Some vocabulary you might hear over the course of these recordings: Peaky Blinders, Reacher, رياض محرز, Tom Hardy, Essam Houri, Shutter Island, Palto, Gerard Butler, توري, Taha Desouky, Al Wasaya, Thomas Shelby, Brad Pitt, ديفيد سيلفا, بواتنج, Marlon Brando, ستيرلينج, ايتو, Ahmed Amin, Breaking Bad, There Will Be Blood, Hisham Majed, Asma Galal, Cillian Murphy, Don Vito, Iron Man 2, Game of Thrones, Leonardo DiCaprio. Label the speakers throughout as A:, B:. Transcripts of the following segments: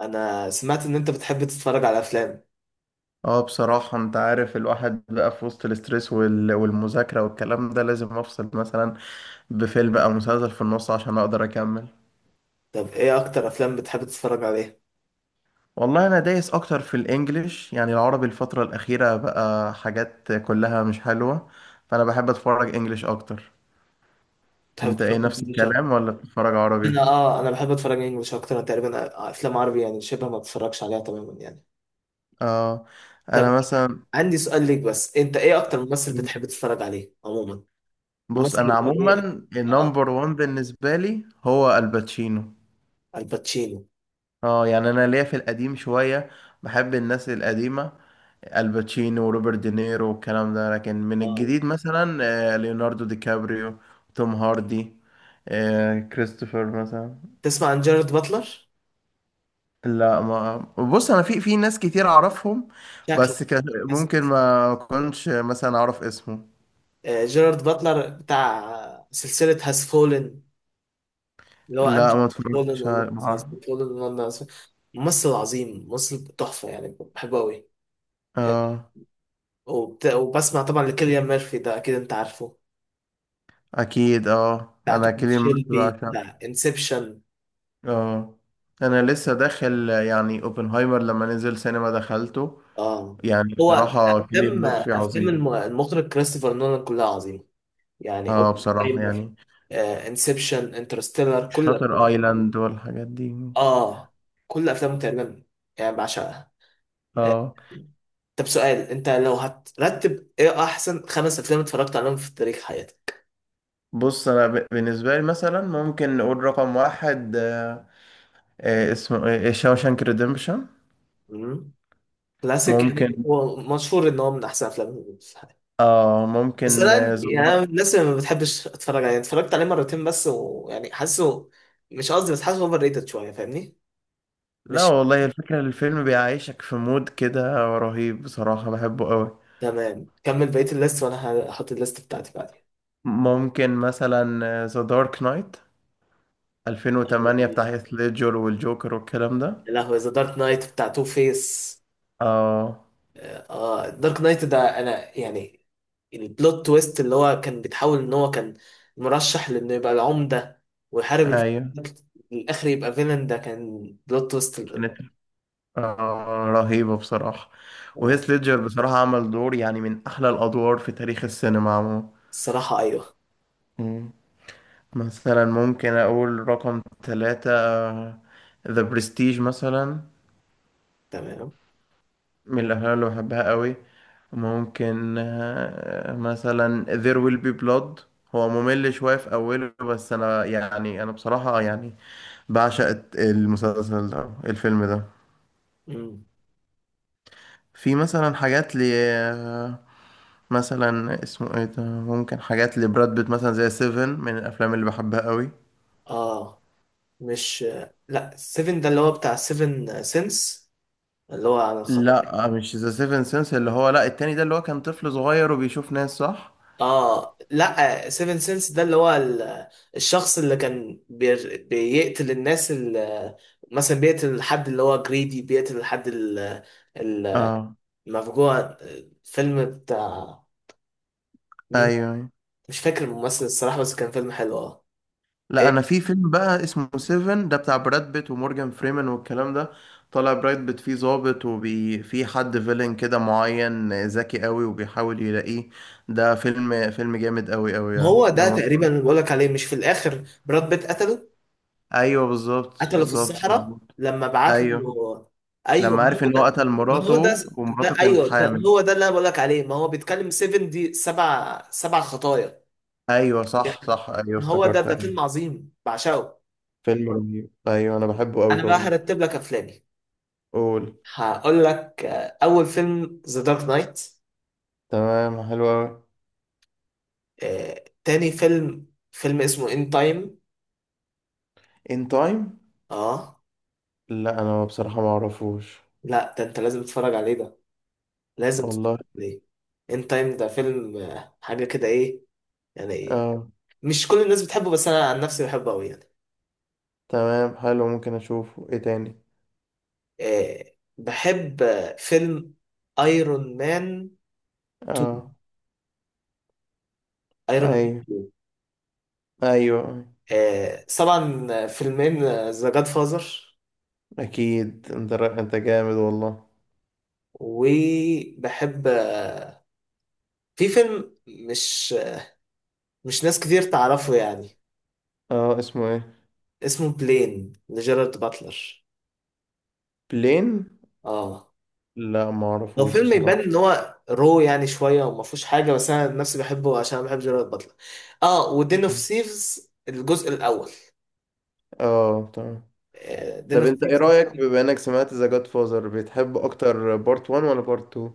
A: انا سمعت ان انت بتحب تتفرج على افلام.
B: اه بصراحة، انت عارف، الواحد بقى في وسط الاسترس والمذاكرة والكلام ده، لازم افصل مثلا بفيلم او مسلسل في النص عشان اقدر اكمل.
A: طب ايه اكتر افلام بتحب تتفرج عليها؟
B: والله انا دايس اكتر في الانجليش، يعني العربي الفترة الاخيرة بقى حاجات كلها مش حلوة، فانا بحب اتفرج انجليش اكتر.
A: بتحب
B: انت
A: تتفرج
B: ايه؟ نفس
A: انجلش اكتر؟
B: الكلام ولا بتتفرج عربي؟
A: انا بحب اتفرج انجلش اكتر. أنا تقريبا افلام عربي يعني شبه ما بتفرجش عليها تماما يعني.
B: اه، انا
A: طب
B: مثلا،
A: عندي سؤال ليك، بس انت ايه اكتر ممثل بتحب تتفرج عليه عموما؟
B: بص
A: ممثل
B: انا
A: يكون
B: عموما
A: ايه؟ اه،
B: النمبر وان بالنسبة لي هو الباتشينو.
A: الباتشينو.
B: اه، يعني انا ليا في القديم شوية، بحب الناس القديمة، الباتشينو وروبرت دينيرو والكلام ده، لكن من
A: اه،
B: الجديد مثلا ليوناردو دي كابريو، توم هاردي، كريستوفر مثلا.
A: تسمع عن جيرارد باتلر؟
B: لا، ما بص انا في ناس كتير اعرفهم،
A: شكله
B: بس كان ممكن
A: نسيت.
B: ما كنتش مثلا اعرف اسمه.
A: جيرارد باتلر بتاع سلسلة هاز فولن، اللي هو
B: لا،
A: انجي
B: ما
A: فولن
B: اتفرجتش على- ما أعرف.
A: ولندن. ممثل عظيم، ممثل تحفه يعني بحبه قوي.
B: اه،
A: وبت... وبسمع طبعا لكيليان ميرفي، ده اكيد انت عارفه.
B: اكيد. اه
A: بتاع
B: انا
A: توماس
B: كيليان ميرفي
A: شيلبي،
B: بعشقه.
A: بتاع انسبشن.
B: اه، انا لسه داخل يعني اوبنهايمر، لما نزل سينما دخلته.
A: اه،
B: يعني
A: هو
B: بصراحة كيليان
A: افلام
B: ميرفي
A: افلام الم-
B: عظيم.
A: المخرج كريستوفر نولان كلها عظيمه، يعني
B: اه، بصراحة
A: اوبنهايمر،
B: يعني
A: انسبشن، انترستيلر، كل
B: شاتر
A: الافلام دي.
B: ايلاند والحاجات دي.
A: اه، كل افلامه تقريبا يعني بعشقها. آه،
B: اه،
A: طب سؤال: انت لو هترتب، ايه احسن خمس افلام اتفرجت عليهم في تاريخ حياتك؟
B: بص انا بالنسبه لي مثلا ممكن نقول رقم واحد، اسمه ايه، شاوشانك ريديمبشن.
A: امم كلاسيك يعني،
B: ممكن
A: هو مشهور ان هو من احسن افلام في الحياه.
B: اه
A: بس انا
B: ممكن
A: عندي-
B: The
A: يعني انا من
B: Dark-.
A: الناس اللي ما بتحبش اتفرج عليه، اتفرجت عليه مرتين بس، ويعني حاسه، مش قصدي، بس حاسه اوفر ريتد شويه، فاهمني؟
B: لا
A: مش
B: والله، الفكره الفيلم بيعيشك في مود كده، رهيب بصراحه، بحبه قوي.
A: تمام، كمل بقيه الليست وانا هحط الليست بتاعتي بعدين.
B: ممكن مثلا ذا دارك نايت 2008 بتاع هيث ليدجر والجوكر والكلام ده.
A: يا لهوي، ذا دارك نايت بتاع تو فيس.
B: اه،
A: اه دارك نايت ده، انا يعني البلوت تويست اللي هو كان بيتحول ان هو كان مرشح لانه يبقى العمدة ويحارب الفيلن،
B: ايوه،
A: في الاخر يبقى فيلن، ده كان بلوت تويست ال-
B: كانت رهيبة بصراحة.
A: آه،
B: وهيث ليدجر بصراحة عمل دور يعني من أحلى الأدوار في تاريخ السينما عموما.
A: الصراحة ايوه.
B: مم. مثلا ممكن أقول رقم ثلاثة، ذا برستيج، مثلا
A: تمام.
B: من الأفلام اللي بحبها قوي. ممكن مثلا There Will Be Blood. هو ممل شوية في أوله، بس أنا بصراحة يعني بعشق المسلسل ده، الفيلم ده.
A: مم.
B: في مثلا حاجات لي، مثلا اسمه ايه ده، ممكن حاجات لبراد بيت مثلا زي سيفن، من الافلام اللي بحبها قوي.
A: اه مش، لا، سيفن ده اللي هو بتاع سيفن سينس اللي هو عن الخطايا.
B: لا، مش ذا سيفن سنس، اللي هو لا، التاني ده اللي هو كان طفل صغير وبيشوف ناس، صح؟
A: اه لا، سيفن سينس ده اللي هو ال- الشخص اللي كان بير- بيقتل الناس اللي مثلا بيقتل الحد اللي هو جريدي، بيقتل الحد ال-
B: اه،
A: المفجوع، فيلم بتاع مين؟
B: ايوه، أيوة.
A: مش فاكر الممثل الصراحة بس كان فيلم حلو، اه.
B: لا، انا
A: إيه،
B: في فيلم بقى اسمه سيفن ده بتاع براد بيت ومورجان فريمان والكلام ده. طلع براد بيت فيه ضابط، في حد فيلن كده معين ذكي قوي وبيحاول يلاقيه. ده فيلم جامد قوي قوي، يعني
A: هو ده
B: لو-.
A: تقريبا اللي بقولك عليه، مش في الآخر براد بيت قتله؟
B: ايوه، بالظبط،
A: قتله في
B: بالظبط،
A: الصحراء
B: بالظبط.
A: لما بعت
B: ايوه،
A: له. ايوه
B: لما
A: ما
B: عرف
A: هو
B: ان هو
A: ده.
B: قتل
A: ما هو ده،
B: مراته،
A: ده
B: ومراته كانت
A: ايوه ده
B: حامل.
A: هو ده اللي انا بقولك عليه، ما هو بيتكلم 7، دي سبع خطايا
B: ايوه، صح،
A: يعني.
B: صح، ايوه،
A: هو ده
B: افتكرت،
A: ده فيلم
B: ايوه.
A: عظيم بعشقه.
B: فيلم رهيب، ايوه، انا بحبه قوي
A: انا بقى
B: برضه.
A: هرتب لك افلامي.
B: قول.
A: هقول لك: اول فيلم ذا دارك نايت.
B: تمام، حلو قوي.
A: تاني فيلم فيلم اسمه ان تايم.
B: ان تايم؟
A: اه
B: لا، انا بصراحه ما اعرفوش.
A: لا ده، انت لازم تتفرج عليه ده، لازم
B: والله.
A: تتفرج عليه. ان تايم ده فيلم حاجه كده، ايه يعني، إيه؟
B: اه،
A: مش كل الناس بتحبه بس انا عن نفسي بحبه قوي يعني.
B: تمام، حلو، ممكن اشوفه. ايه تاني؟
A: بحب فيلم ايرون مان 2،
B: اه،
A: ايرون
B: ايوه،
A: مان.
B: ايوه.
A: طبعا فيلمين ذا جاد فازر.
B: اكيد، انت جامد والله.
A: وبحب في فيلم مش، مش ناس كتير تعرفه يعني.
B: اه، اسمه ايه؟
A: اسمه بلين، لجيرارد باتلر.
B: بلين.
A: اه،
B: لا، ما
A: هو
B: اعرفوش
A: فيلم يبان
B: بصراحه.
A: ان هو رو يعني شويه وما فيهوش حاجه، بس انا نفسي بحبه عشان انا بحب جيرارد باتلر. اه، ودين اوف سيفز الجزء الاول.
B: اه، تمام.
A: دين
B: طب
A: اوف
B: انت ايه
A: سيفز.
B: رأيك، بما انك سمعت ذا جاد فازر، بتحب اكتر بارت 1 ولا بارت 2؟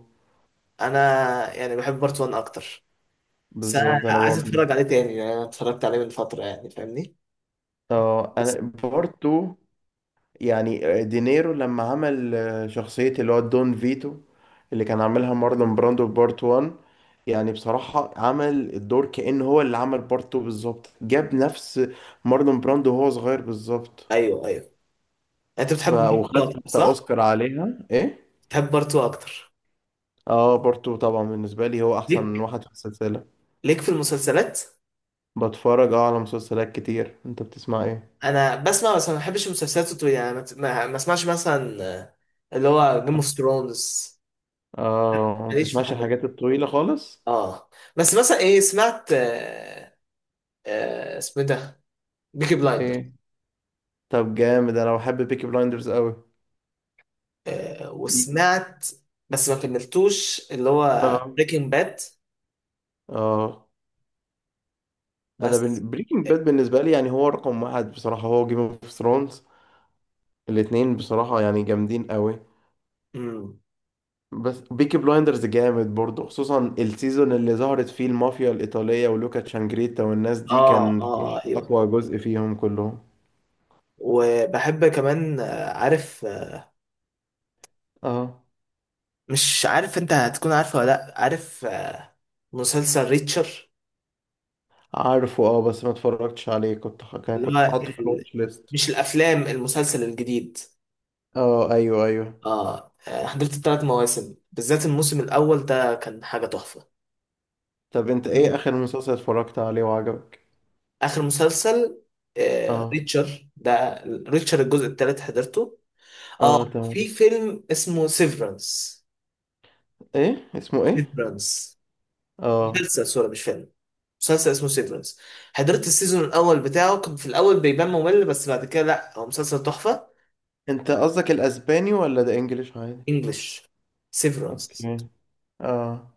A: انا يعني بحب بارت 1 اكتر، بس انا
B: بالظبط، انا
A: عايز
B: برضه.
A: اتفرج عليه تاني، يعني انا اتفرجت عليه من فتره يعني فاهمني.
B: اه،
A: بس-
B: انا بارت 2، يعني دينيرو لما عمل شخصية اللي هو دون فيتو اللي كان عاملها مارلون براندو في بارت 1، يعني بصراحة عمل الدور كأنه هو اللي عمل بارت 2 بالظبط، جاب نفس مارلون براندو وهو صغير بالظبط.
A: ايوه ايوه، انت بتحب
B: وخد
A: بارتو اكتر
B: حتى
A: صح؟
B: اوسكار عليها، ايه.
A: بتحب بارتو اكتر؟
B: اه، بارت 2 طبعا بالنسبة لي هو احسن
A: ليك،
B: واحد في السلسلة.
A: ليك في المسلسلات.
B: بتفرج على مسلسلات كتير. انت بتسمع ايه؟
A: انا بسمع بس ما بحبش المسلسلات الطويله، يعني ما ما- ما اسمعش مثلا اللي هو جيم اوف ثرونز.
B: اه، ما
A: ماليش في
B: بتسمعش
A: الحاجات دي.
B: الحاجات الطويلة خالص.
A: اه، بس مثلا ايه، سمعت اسمه إيه ده، بيكي بلايندر.
B: ايه؟ طب جامد، انا بحب بيكي بلايندرز قوي.
A: وسمعت بس ما كملتوش اللي هو
B: اه،
A: بريكنج باد.
B: اه، انا
A: بس،
B: بريكنج باد بالنسبة لي يعني هو رقم واحد، بصراحة هو جيم اوف ثرونز. الاتنين بصراحة يعني جامدين قوي.
A: امم،
B: بس بيكي بلايندرز جامد برضه، خصوصا السيزون اللي ظهرت فيه المافيا الإيطالية ولوكا تشانجريتا والناس دي،
A: اه اه،
B: كان
A: ايوه.
B: أقوى جزء فيهم كلهم.
A: وبحب كمان عارف،
B: اه،
A: مش عارف انت هتكون عارفه ولا لا، عارف مسلسل ريتشر.
B: عارفه، بس ما اتفرجتش عليه، كنت
A: اللي
B: كنت
A: هو
B: حاطه في
A: ال...
B: الواتش ليست.
A: مش الافلام، المسلسل الجديد.
B: اه، ايوه، ايوه.
A: اه، حضرت الثلاث مواسم، بالذات الموسم الاول ده كان حاجه تحفه.
B: طب انت ايه اخر مسلسل اتفرجت عليه وعجبك؟
A: اخر مسلسل،
B: اه،
A: ريتشر ده. ريتشر الجزء الثالث حضرته.
B: اه،
A: اه،
B: تمام.
A: في فيلم اسمه سيفرنس.
B: ايه؟ اسمه ايه؟
A: سيفرنس.
B: اه.
A: مسلسل سوري مش فيلم. مسلسل اسمه سيفرنس. حضرت السيزون الاول بتاعه، كان في الاول بيبان ممل بس بعد كده لا، هو مسلسل تحفه.
B: انت قصدك الاسباني ولا ده انجليش عادي؟
A: انجلش. سيفرنس.
B: اوكي. اه.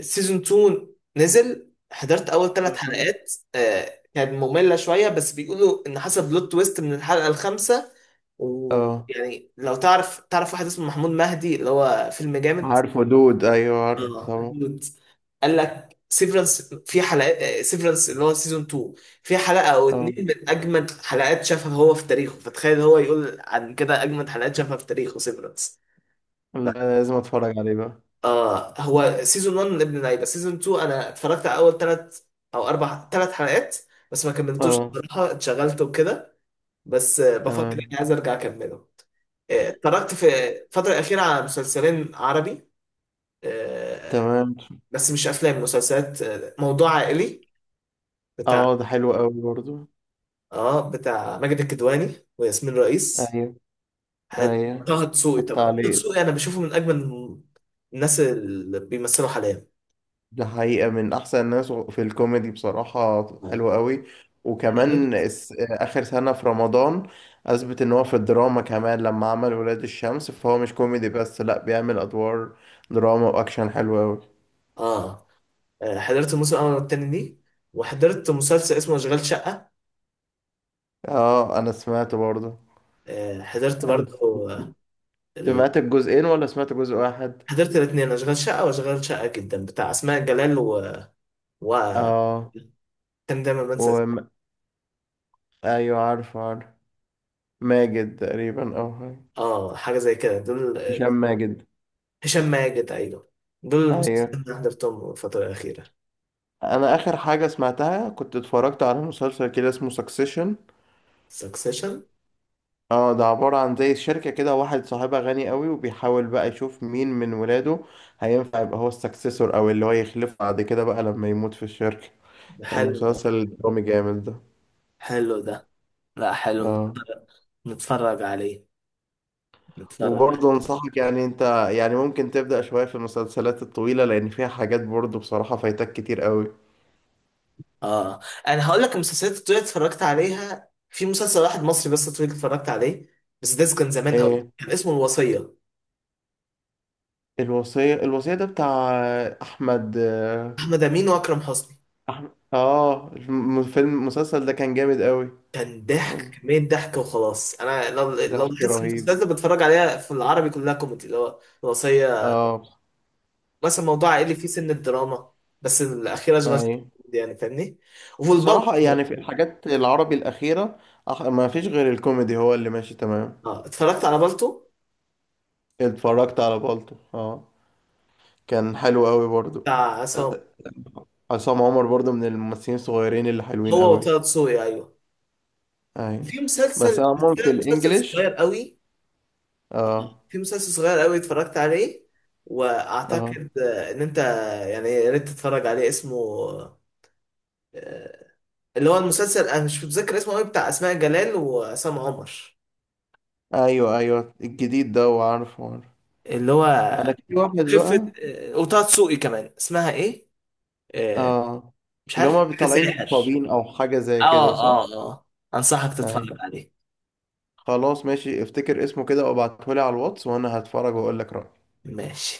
A: سيزون 2 نزل، حضرت اول ثلاث حلقات، كانت مملة شوية بس بيقولوا ان حصل بلوت تويست من الحلقة الخامسة.
B: اه،
A: ويعني لو تعرف، تعرف واحد اسمه محمود مهدي، اللي هو فيلم جامد.
B: عارفه دود، ايوه، عارفه
A: اه
B: طبعا.
A: محمود. قال لك سيفرنس، في حلقة سيفرنس اللي هو سيزون 2، في حلقة او
B: اه،
A: اتنين من اجمد حلقات شافها هو في تاريخه، فتخيل هو يقول عن كده اجمد حلقات شافها في تاريخه سيفرنس.
B: لا، لازم اتفرج عليه بقى.
A: اه، هو سيزون 1 من ابن اللعيبه، سيزون 2 انا اتفرجت على اول ثلاث او اربع، ثلاث حلقات بس ما كملتوش
B: اه،
A: بصراحه، اتشغلت وكده. بس بفكر
B: تمام.
A: اني عايز ارجع اكمله. اتفرجت في الفتره الاخيره على مسلسلين عربي، آه،
B: تمام.
A: بس مش افلام مسلسلات، موضوع عائلي بتاع
B: اه، ده حلو قوي برضو.
A: اه بتاع ماجد الكدواني وياسمين رئيس.
B: ايوه،
A: حد-
B: ايوه،
A: طه دسوقي
B: اتفرجت
A: طبعا، طه
B: عليه.
A: دسوقي انا بشوفه من اجمل الناس اللي بيمثلوا حاليا.
B: ده حقيقة من أحسن الناس في الكوميدي بصراحة،
A: اه
B: حلو قوي. وكمان آخر سنة في رمضان أثبت إن هو في الدراما كمان، لما عمل ولاد الشمس، فهو مش كوميدي بس، لأ، بيعمل أدوار دراما وأكشن، حلو قوي.
A: اه، حضرت الموسم الاول والتاني دي، وحضرت مسلسل اسمه اشغال شقه.
B: آه، أنا سمعته برضه.
A: حضرت
B: أنا
A: برضه. آه، ال-
B: سمعت الجزئين ولا سمعت جزء واحد؟
A: حضرت الاثنين، اشغال شقه واشغال شقه جدا، بتاع اسماء جلال و, و...
B: آه.
A: كان دايما بنسى
B: و...
A: اسمه.
B: أيوة، عارفه، عارف. ماجد تقريبا، أو حاجة.
A: اه حاجه زي كده دول،
B: هشام ماجد.
A: هشام ماجد ايوه. دول
B: أيوة.
A: المسلسلين اللي حضرتهم الفتره الاخيره.
B: أنا آخر حاجة سمعتها كنت اتفرجت على مسلسل كده اسمه سكسيشن.
A: سكسيشن.
B: اه، ده عبارة عن زي شركة كده، واحد صاحبها غني قوي وبيحاول بقى يشوف مين من ولاده هينفع يبقى هو السكسيسور، او اللي هو يخلفه بعد كده بقى لما يموت في الشركة. كان
A: حلو ده،
B: مسلسل درامي جامد ده.
A: حلو ده، لا حلو،
B: اه،
A: نتفرج عليه، نتفرج.
B: وبرضه انصحك، يعني انت يعني ممكن تبدأ شوية في المسلسلات الطويلة، لان فيها حاجات برضه بصراحة فايتك كتير قوي.
A: اه، انا هقول لك المسلسلات الطويله اتفرجت عليها في مسلسل واحد مصري بس طويل اتفرجت عليه، بس ده كان زمان قوي،
B: ايه؟
A: كان اسمه الوصيه.
B: الوصية، الوصية ده بتاع احمد،
A: احمد امين واكرم حسني.
B: احمد المسلسل ده كان جامد قوي.
A: كان ضحك، كميه ضحك وخلاص، انا لو
B: ضحك
A: بحس
B: رهيب.
A: المسلسلات اللي بتفرج عليها في العربي كلها كوميدي، اللي هو الوصيه
B: اه.
A: مثلا موضوع عائلي فيه سن الدراما، بس الاخيره اشغال شقة
B: اي،
A: كوميدي يعني فاهمني. والبلطو.
B: بصراحة يعني في الحاجات العربي الأخيرة ما فيش غير الكوميدي هو اللي ماشي تمام.
A: اه، اتفرجت على بلطو
B: اتفرجت على بالطو، كان حلو قوي برضو.
A: بتاع عصام.
B: عصام عمر برضو من الممثلين الصغيرين اللي حلوين
A: هو
B: قوي.
A: وطه دسوقي ايوه.
B: ايوه،
A: في
B: بس
A: مسلسل،
B: انا
A: بس
B: عموما في
A: ده مسلسل صغير
B: الانجليش.
A: قوي.
B: اه.
A: في مسلسل صغير قوي اتفرجت عليه،
B: اه،
A: واعتقد ان انت يعني يا ريت تتفرج عليه. اسمه، آه، اللي هو المسلسل انا مش متذكر اسمه قوي، بتاع اسماء جلال وعصام عمر،
B: ايوه، ايوه، الجديد ده، وعارفه، عارفه.
A: اللي هو
B: انا في واحد
A: خفة،
B: بقى.
A: وطه دسوقي كمان، اسمها ايه، آه،
B: اه.
A: مش
B: اللي
A: عارف
B: هما
A: حاجة
B: طالعين
A: ساحر.
B: مصابين او حاجة زي كده،
A: اه
B: صح؟
A: اه اه، انصحك
B: ايوه.
A: تتفرج عليه.
B: خلاص، ماشي، افتكر اسمه كده وابعتهولي على الواتس، وانا هتفرج واقول لك رأيي.
A: ماشي.